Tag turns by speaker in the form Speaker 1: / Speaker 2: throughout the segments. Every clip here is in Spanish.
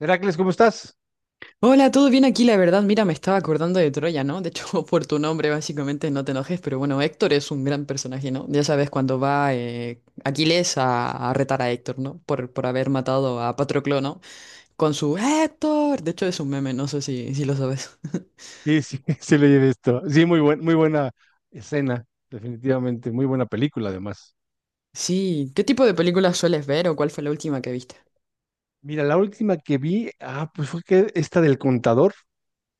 Speaker 1: Heracles, ¿cómo estás?
Speaker 2: Hola, ¿todo bien aquí? La verdad, mira, me estaba acordando de Troya, ¿no? De hecho, por tu nombre, básicamente, no te enojes, pero bueno, Héctor es un gran personaje, ¿no? Ya sabes, cuando va Aquiles a retar a Héctor, ¿no? Por haber matado a Patroclo, ¿no? Con su Héctor. De hecho, es un meme, no sé si lo sabes.
Speaker 1: Sí, sí, sí leí de esto. Sí, muy buena escena, definitivamente, muy buena película además.
Speaker 2: Sí, ¿qué tipo de películas sueles ver o cuál fue la última que viste?
Speaker 1: Mira, la última que vi, pues fue que esta del Contador,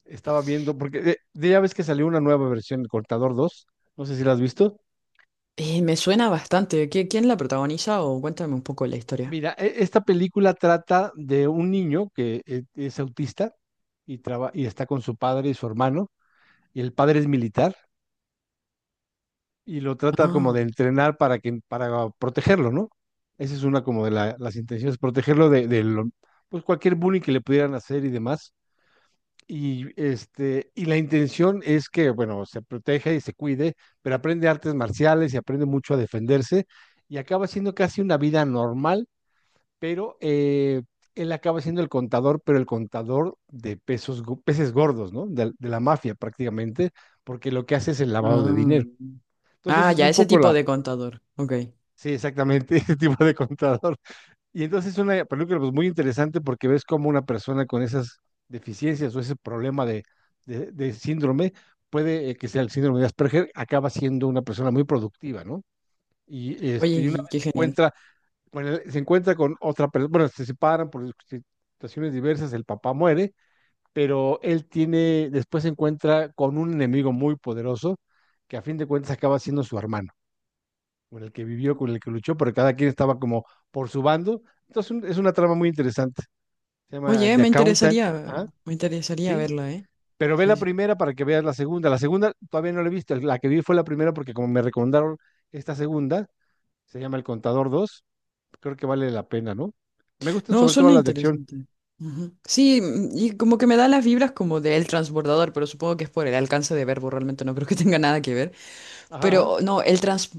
Speaker 1: estaba viendo, porque ya ves que salió una nueva versión, el Contador dos. No sé si la has visto.
Speaker 2: Me suena bastante. ¿Quién la protagoniza o cuéntame un poco la historia?
Speaker 1: Mira, esta película trata de un niño que es autista y, y está con su padre y su hermano, y el padre es militar, y lo trata como
Speaker 2: Ah,
Speaker 1: de entrenar para protegerlo, ¿no? Esa es una como de las intenciones, protegerlo de pues cualquier bullying que le pudieran hacer y demás. Y este, y la intención es que, bueno, se proteja y se cuide, pero aprende artes marciales y aprende mucho a defenderse y acaba siendo casi una vida normal, pero él acaba siendo el contador, pero el contador de pesos, peces gordos, ¿no? De la mafia prácticamente, porque lo que hace es el lavado de
Speaker 2: ah.
Speaker 1: dinero. Entonces,
Speaker 2: Ah,
Speaker 1: eso es
Speaker 2: ya,
Speaker 1: un
Speaker 2: ese
Speaker 1: poco.
Speaker 2: tipo de contador. Ok.
Speaker 1: Sí, exactamente, ese tipo de contador. Y entonces es una película pues, muy interesante porque ves cómo una persona con esas deficiencias o ese problema de síndrome, puede que sea el síndrome de Asperger, acaba siendo una persona muy productiva, ¿no? Y, este,
Speaker 2: Oye,
Speaker 1: y una
Speaker 2: qué
Speaker 1: vez
Speaker 2: qué
Speaker 1: se
Speaker 2: genial.
Speaker 1: encuentra, bueno se encuentra con otra persona, bueno, se separan por situaciones diversas, el papá muere, pero él tiene, después se encuentra con un enemigo muy poderoso que a fin de cuentas acaba siendo su hermano con el que vivió, con el que luchó, pero cada quien estaba como por su bando. Entonces es una trama muy interesante. Se llama
Speaker 2: Oye,
Speaker 1: The Accountant. Ajá.
Speaker 2: me interesaría
Speaker 1: Sí,
Speaker 2: verla, ¿eh?
Speaker 1: pero ve
Speaker 2: Sí,
Speaker 1: la
Speaker 2: sí.
Speaker 1: primera para que veas la segunda. La segunda todavía no la he visto. La que vi fue la primera porque como me recomendaron esta segunda, se llama El Contador dos. Creo que vale la pena, ¿no? Me gustan
Speaker 2: No,
Speaker 1: sobre todo
Speaker 2: suena
Speaker 1: las de acción.
Speaker 2: interesante. Ujú. Sí, y como que me da las vibras como de El Transbordador, pero supongo que es por el alcance de verbo, realmente no creo que tenga nada que ver.
Speaker 1: Ajá, ajá.
Speaker 2: Pero no,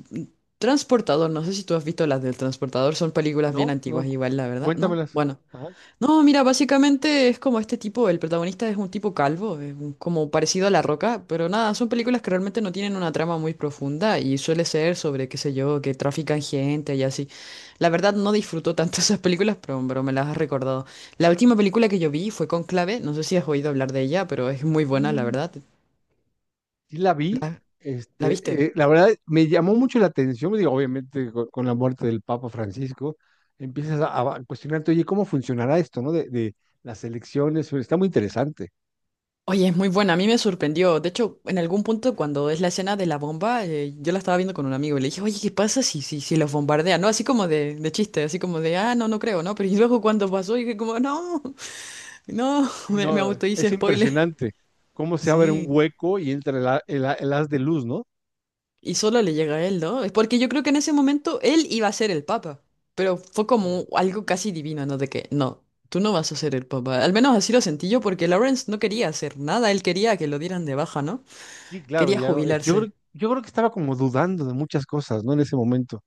Speaker 2: Transportador, no sé si tú has visto las del Transportador, son películas bien
Speaker 1: No,
Speaker 2: antiguas
Speaker 1: no,
Speaker 2: igual, la verdad, ¿no?
Speaker 1: cuéntamelas.
Speaker 2: Bueno.
Speaker 1: Ajá.
Speaker 2: No, mira, básicamente es como este tipo, el protagonista es un tipo calvo, como parecido a La Roca, pero nada, son películas que realmente no tienen una trama muy profunda y suele ser sobre, qué sé yo, que trafican gente y así. La verdad no disfruto tanto esas películas, pero me las has recordado. La última película que yo vi fue Conclave, no sé si has oído hablar de ella, pero es muy buena, la verdad.
Speaker 1: Sí la vi,
Speaker 2: ¿La, la
Speaker 1: este,
Speaker 2: viste?
Speaker 1: la verdad me llamó mucho la atención, digo, obviamente con, la muerte del Papa Francisco, empiezas a cuestionarte, oye, ¿cómo funcionará esto, no? De las elecciones, está muy interesante.
Speaker 2: Oye, es muy buena, a mí me sorprendió. De hecho, en algún punto cuando es la escena de la bomba, yo la estaba viendo con un amigo y le dije, oye, ¿qué pasa si los bombardean? ¿No? Así como de chiste, así como de, ah, no, no creo, ¿no? Pero y luego cuando pasó, dije como, no, no,
Speaker 1: Sí,
Speaker 2: me
Speaker 1: no,
Speaker 2: auto hice
Speaker 1: es
Speaker 2: spoiler.
Speaker 1: impresionante cómo se abre un
Speaker 2: Sí.
Speaker 1: hueco y entra el haz de luz, ¿no?
Speaker 2: Y solo le llega a él, ¿no? Es porque yo creo que en ese momento él iba a ser el papa. Pero fue
Speaker 1: Sí,
Speaker 2: como algo casi divino, ¿no? De que, no, tú no vas a
Speaker 1: exacto.
Speaker 2: ser el papa. Al menos así lo sentí yo porque Lawrence no quería hacer nada, él quería que lo dieran de baja, ¿no?
Speaker 1: Sí, claro,
Speaker 2: Quería
Speaker 1: ya no,
Speaker 2: jubilarse.
Speaker 1: yo creo que estaba como dudando de muchas cosas, ¿no? En ese momento.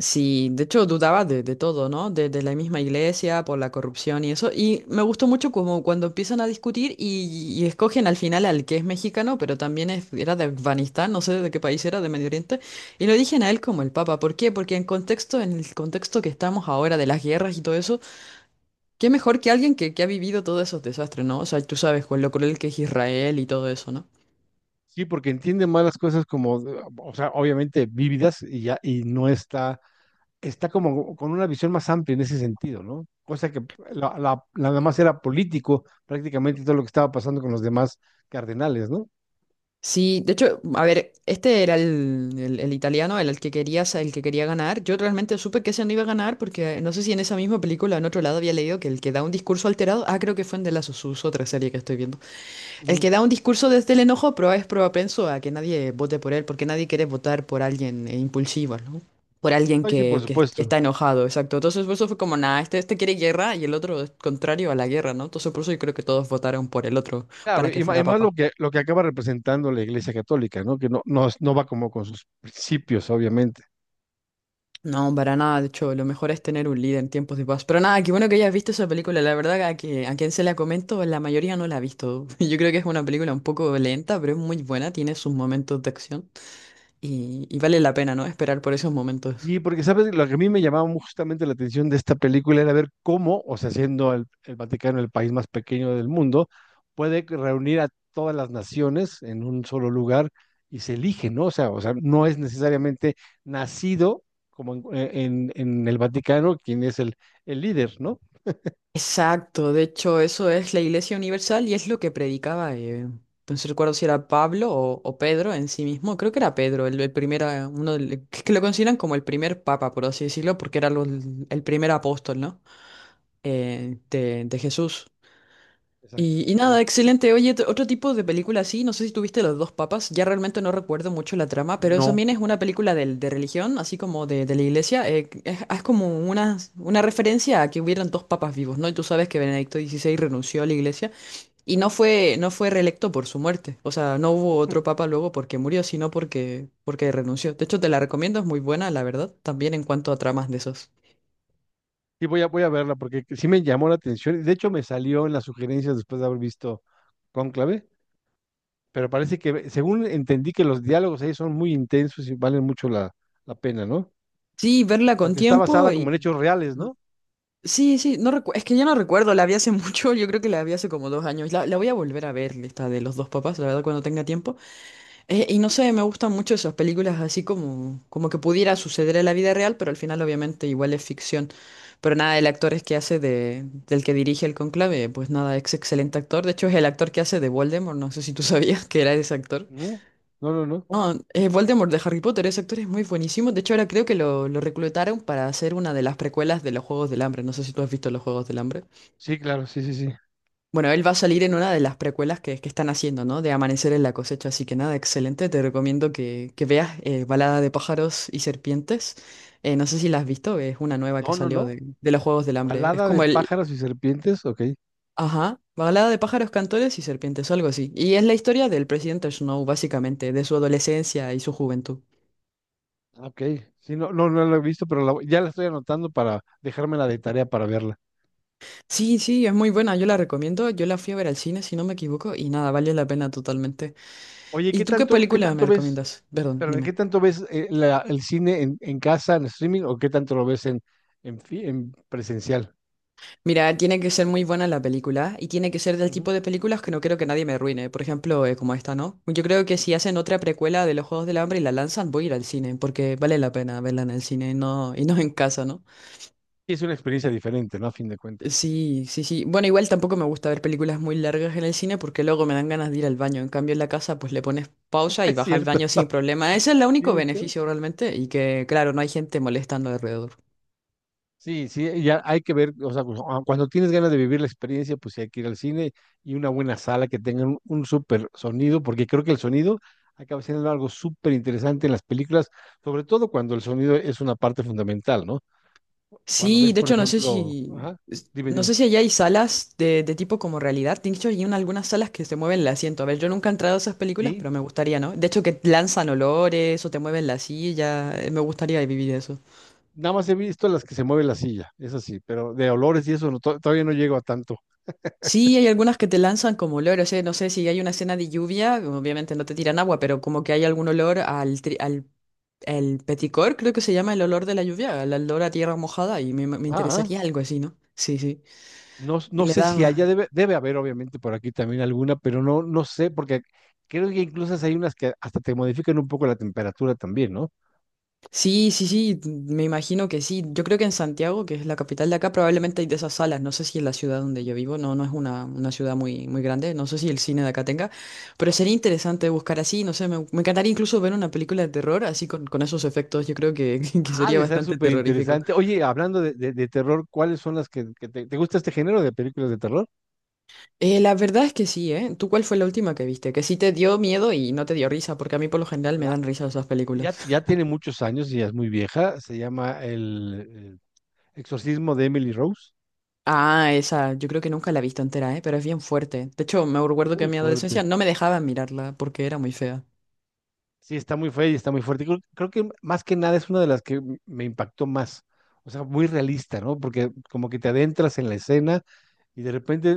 Speaker 2: Sí, de hecho dudaba de todo, ¿no? De la misma iglesia, por la corrupción y eso. Y me gustó mucho como cuando empiezan a discutir y escogen al final al que es mexicano, pero también era de Afganistán, no sé de qué país era, de Medio Oriente. Y lo eligen a él como el Papa. ¿Por qué? Porque en contexto, en el contexto que estamos ahora de las guerras y todo eso, qué mejor que alguien que ha vivido todos esos desastres, ¿no? O sea, tú sabes con lo cruel que es Israel y todo eso, ¿no?
Speaker 1: Sí, porque entiende más las cosas como, o sea, obviamente vívidas y ya, y no está, está como con una visión más amplia en ese sentido, ¿no? Cosa que nada más era político prácticamente todo lo que estaba pasando con los demás cardenales, ¿no?
Speaker 2: Sí, de hecho, a ver, este era el italiano, el que quería, el que quería ganar. Yo realmente supe que ese no iba a ganar porque no sé si en esa misma película, en otro lado, había leído que el que da un discurso alterado, ah, creo que fue en The Last of Us, otra serie que estoy viendo. El
Speaker 1: Ujú.
Speaker 2: que da un discurso desde el enojo, pero es propenso a que nadie vote por él, porque nadie quiere votar por alguien impulsivo, ¿no? Por alguien
Speaker 1: Ay, sí, por
Speaker 2: que
Speaker 1: supuesto.
Speaker 2: está enojado, exacto. Entonces, por eso fue como, nada, este quiere guerra y el otro es contrario a la guerra, ¿no? Entonces, por eso yo creo que todos votaron por el otro
Speaker 1: Claro,
Speaker 2: para que
Speaker 1: y
Speaker 2: fuera
Speaker 1: más
Speaker 2: papa.
Speaker 1: lo que acaba representando la Iglesia Católica, ¿no? Que no, no, no va como con sus principios, obviamente.
Speaker 2: No, para nada, de hecho, lo mejor es tener un líder en tiempos de paz. Pero nada, qué bueno que hayas visto esa película, la verdad a que a quien se la comento, la mayoría no la ha visto. Yo creo que es una película un poco lenta, pero es muy buena, tiene sus momentos de acción y vale la pena, ¿no? Esperar por esos momentos.
Speaker 1: Y porque, ¿sabes? Lo que a mí me llamaba justamente la atención de esta película era ver cómo, o sea, siendo el Vaticano el país más pequeño del mundo, puede que reunir a todas las naciones en un solo lugar y se elige, ¿no? O sea, no es necesariamente nacido como en el Vaticano quien es el líder, ¿no?
Speaker 2: Exacto, de hecho, eso es la Iglesia Universal y es lo que predicaba, no sé, recuerdo si era Pablo o Pedro en sí mismo, creo que era Pedro, el primer, que lo consideran como el primer papa, por así decirlo, porque era el primer apóstol, ¿no? De Jesús.
Speaker 1: Exacto,
Speaker 2: Y nada,
Speaker 1: sí.
Speaker 2: excelente. Oye, otro tipo de película así, no sé si tuviste Los dos papas, ya realmente no recuerdo mucho la trama, pero eso
Speaker 1: No.
Speaker 2: también es una película de religión, así como de la iglesia. Es como una referencia a que hubieran dos papas vivos, ¿no? Y tú sabes que Benedicto XVI renunció a la iglesia y no fue, no fue reelecto por su muerte. O sea, no hubo otro papa luego porque murió, sino porque, porque renunció. De hecho, te la recomiendo, es muy buena, la verdad, también en cuanto a tramas de esos.
Speaker 1: Y voy a verla porque sí me llamó la atención. De hecho, me salió en las sugerencias después de haber visto Cónclave, pero parece que, según entendí, que los diálogos ahí son muy intensos y valen mucho la pena, ¿no?
Speaker 2: Sí, verla con
Speaker 1: Porque está
Speaker 2: tiempo
Speaker 1: basada como en
Speaker 2: y...
Speaker 1: hechos reales, ¿no?
Speaker 2: Sí, sí, no recu- es que ya no recuerdo, la vi hace mucho, yo creo que la vi hace como dos años. La voy a volver a ver, esta de los dos papás, la verdad, cuando tenga tiempo. Y no sé, me gustan mucho esas películas así como, como que pudiera suceder en la vida real, pero al final obviamente igual es ficción. Pero nada, el actor es que hace de, del que dirige el conclave, pues nada, es excelente actor. De hecho, es el actor que hace de Voldemort, no sé si tú sabías que era ese actor.
Speaker 1: Ujú. No, no, no.
Speaker 2: No, Voldemort de Harry Potter, ese actor es muy buenísimo. De hecho, ahora creo que lo reclutaron para hacer una de las precuelas de los Juegos del Hambre. No sé si tú has visto los Juegos del Hambre.
Speaker 1: Sí, claro, sí, sí, sí.
Speaker 2: Bueno, él va a salir en una de las precuelas que están haciendo, ¿no? De Amanecer en la cosecha, así que nada, excelente. Te recomiendo que veas Balada de pájaros y serpientes. No sé si la has visto, es una nueva que
Speaker 1: No, no,
Speaker 2: salió
Speaker 1: no.
Speaker 2: de los Juegos del Hambre. Es
Speaker 1: Balada de
Speaker 2: como el...
Speaker 1: pájaros y serpientes, ok.
Speaker 2: Ajá, Balada de pájaros, cantores y serpientes, algo así. Y es la historia del presidente Snow, básicamente, de su adolescencia y su juventud.
Speaker 1: Ah, ok. Sí, no, no, no la he visto, pero la ya la estoy anotando para dejármela de tarea para verla.
Speaker 2: Sí, sí, es muy buena, yo la recomiendo. Yo la fui a ver al cine, si no me equivoco, y nada, vale la pena totalmente.
Speaker 1: Oye,
Speaker 2: ¿Y tú qué
Speaker 1: qué
Speaker 2: película me
Speaker 1: tanto ves?
Speaker 2: recomiendas? Perdón,
Speaker 1: Espérame, ¿qué
Speaker 2: dime.
Speaker 1: tanto ves el cine en casa, en streaming, o qué tanto lo ves en presencial?
Speaker 2: Mira, tiene que ser muy buena la película y tiene que ser del
Speaker 1: Ujú.
Speaker 2: tipo de películas que no creo que nadie me arruine. Por ejemplo, como esta, ¿no? Yo creo que si hacen otra precuela de los Juegos del Hambre y la lanzan, voy a ir al cine porque vale la pena verla en el cine y no en casa, ¿no?
Speaker 1: Sí, es una experiencia diferente, ¿no? A fin de cuentas.
Speaker 2: Sí, sí, sí. Bueno, igual tampoco me gusta ver películas muy largas en el cine porque luego me dan ganas de ir al baño. En cambio, en la casa, pues le pones pausa y
Speaker 1: Es
Speaker 2: vas al
Speaker 1: cierto.
Speaker 2: baño sin problema. Ese es el único
Speaker 1: ¿Tienes tú?
Speaker 2: beneficio realmente y que, claro, no hay gente molestando alrededor.
Speaker 1: Sí, sí, ya hay que ver, o sea, cuando tienes ganas de vivir la experiencia, pues sí hay que ir al cine y una buena sala que tenga un súper sonido, porque creo que el sonido acaba siendo algo súper interesante en las películas, sobre todo cuando el sonido es una parte fundamental, ¿no? Cuando
Speaker 2: Sí,
Speaker 1: ves,
Speaker 2: de
Speaker 1: por
Speaker 2: hecho no sé
Speaker 1: ejemplo,
Speaker 2: si,
Speaker 1: ajá, dime,
Speaker 2: no
Speaker 1: dime.
Speaker 2: sé si allá hay salas de tipo como realidad. De hecho, algunas salas que se mueven el asiento. A ver, yo nunca he entrado a esas películas, pero
Speaker 1: Sí,
Speaker 2: me gustaría, ¿no? De hecho, que lanzan olores o te mueven la silla. Me gustaría vivir eso.
Speaker 1: nada más he visto las que se mueve la silla, es así, pero de olores y eso no, todavía no llego a tanto.
Speaker 2: Sí, hay algunas que te lanzan como olores. No sé si hay una escena de lluvia, obviamente no te tiran agua, pero como que hay algún olor al el peticor, creo que se llama el olor de la lluvia, el olor a tierra mojada, y me
Speaker 1: Ajá.
Speaker 2: interesaría algo así, ¿no? Sí, sí.
Speaker 1: No, no
Speaker 2: Le
Speaker 1: sé
Speaker 2: da
Speaker 1: si haya,
Speaker 2: más.
Speaker 1: debe, debe haber, obviamente, por aquí también alguna, pero no, no sé, porque creo que incluso hay unas que hasta te modifican un poco la temperatura también, ¿no?
Speaker 2: Sí, sí, sí, me imagino que sí. Yo creo que en Santiago, que es la capital de acá, probablemente hay de esas salas. No sé si en la ciudad donde yo vivo, no, no es una ciudad muy, muy grande, no sé si el cine de acá tenga, pero sería interesante buscar así, no sé, me encantaría incluso ver una película de terror así con esos efectos, yo creo que, que
Speaker 1: Ah,
Speaker 2: sería
Speaker 1: de ser
Speaker 2: bastante
Speaker 1: súper
Speaker 2: terrorífico.
Speaker 1: interesante. Oye, hablando de, de terror, ¿cuáles son las que te gusta este género de películas de terror?
Speaker 2: La verdad es que sí, ¿eh? ¿Tú cuál fue la última que viste? Que sí te dio miedo y no te dio risa, porque a mí por lo general me
Speaker 1: La-
Speaker 2: dan risa esas
Speaker 1: ya,
Speaker 2: películas.
Speaker 1: ya tiene muchos años y ya es muy vieja. Se llama el Exorcismo de Emily Rose.
Speaker 2: Ah, esa, yo creo que nunca la he visto entera, ¿eh? Pero es bien fuerte. De hecho, me recuerdo que
Speaker 1: Muy
Speaker 2: en mi
Speaker 1: fuerte.
Speaker 2: adolescencia no me dejaban mirarla porque era muy fea.
Speaker 1: Sí, está muy fea y está muy fuerte. Creo, creo que más que nada es una de las que me impactó más. O sea, muy realista, ¿no? Porque como que te adentras en la escena y de repente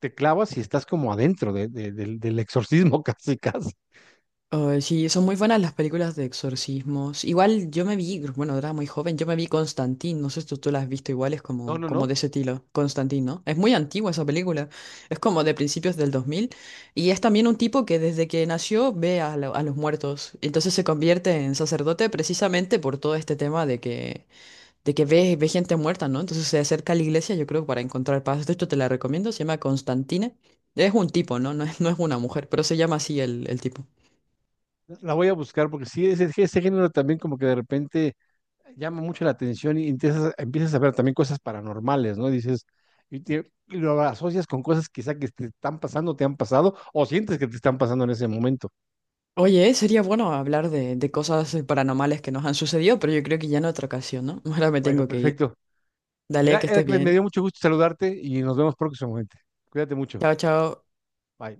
Speaker 1: te clavas y estás como adentro del exorcismo casi, casi.
Speaker 2: Ay, sí, son muy buenas las películas de exorcismos. Igual yo me vi, bueno, era muy joven, yo me vi Constantine, no sé si tú la has visto igual, es
Speaker 1: No,
Speaker 2: como,
Speaker 1: no, no.
Speaker 2: como de ese estilo, Constantine, ¿no? Es muy antigua esa película, es como de principios del 2000 y es también un tipo que desde que nació ve a los muertos, entonces se convierte en sacerdote precisamente por todo este tema de que ve, ve gente muerta, ¿no? Entonces se acerca a la iglesia, yo creo, para encontrar paz. De hecho, te la recomiendo, se llama Constantine. Es un tipo, ¿no? No es, no es una mujer, pero se llama así el tipo.
Speaker 1: La voy a buscar porque sí, ese género también como que de repente llama mucho la atención y empiezas, empiezas a ver también cosas paranormales, ¿no? Dices, y, y lo asocias con cosas quizá que te están pasando, te han pasado o sientes que te están pasando en ese momento.
Speaker 2: Oye, sería bueno hablar de cosas paranormales que nos han sucedido, pero yo creo que ya en otra ocasión, ¿no? Ahora me
Speaker 1: Bueno,
Speaker 2: tengo que ir.
Speaker 1: perfecto.
Speaker 2: Dale, que estés
Speaker 1: Heracles, me
Speaker 2: bien.
Speaker 1: dio mucho gusto saludarte y nos vemos próximamente. Cuídate mucho.
Speaker 2: Chao, chao.
Speaker 1: Bye.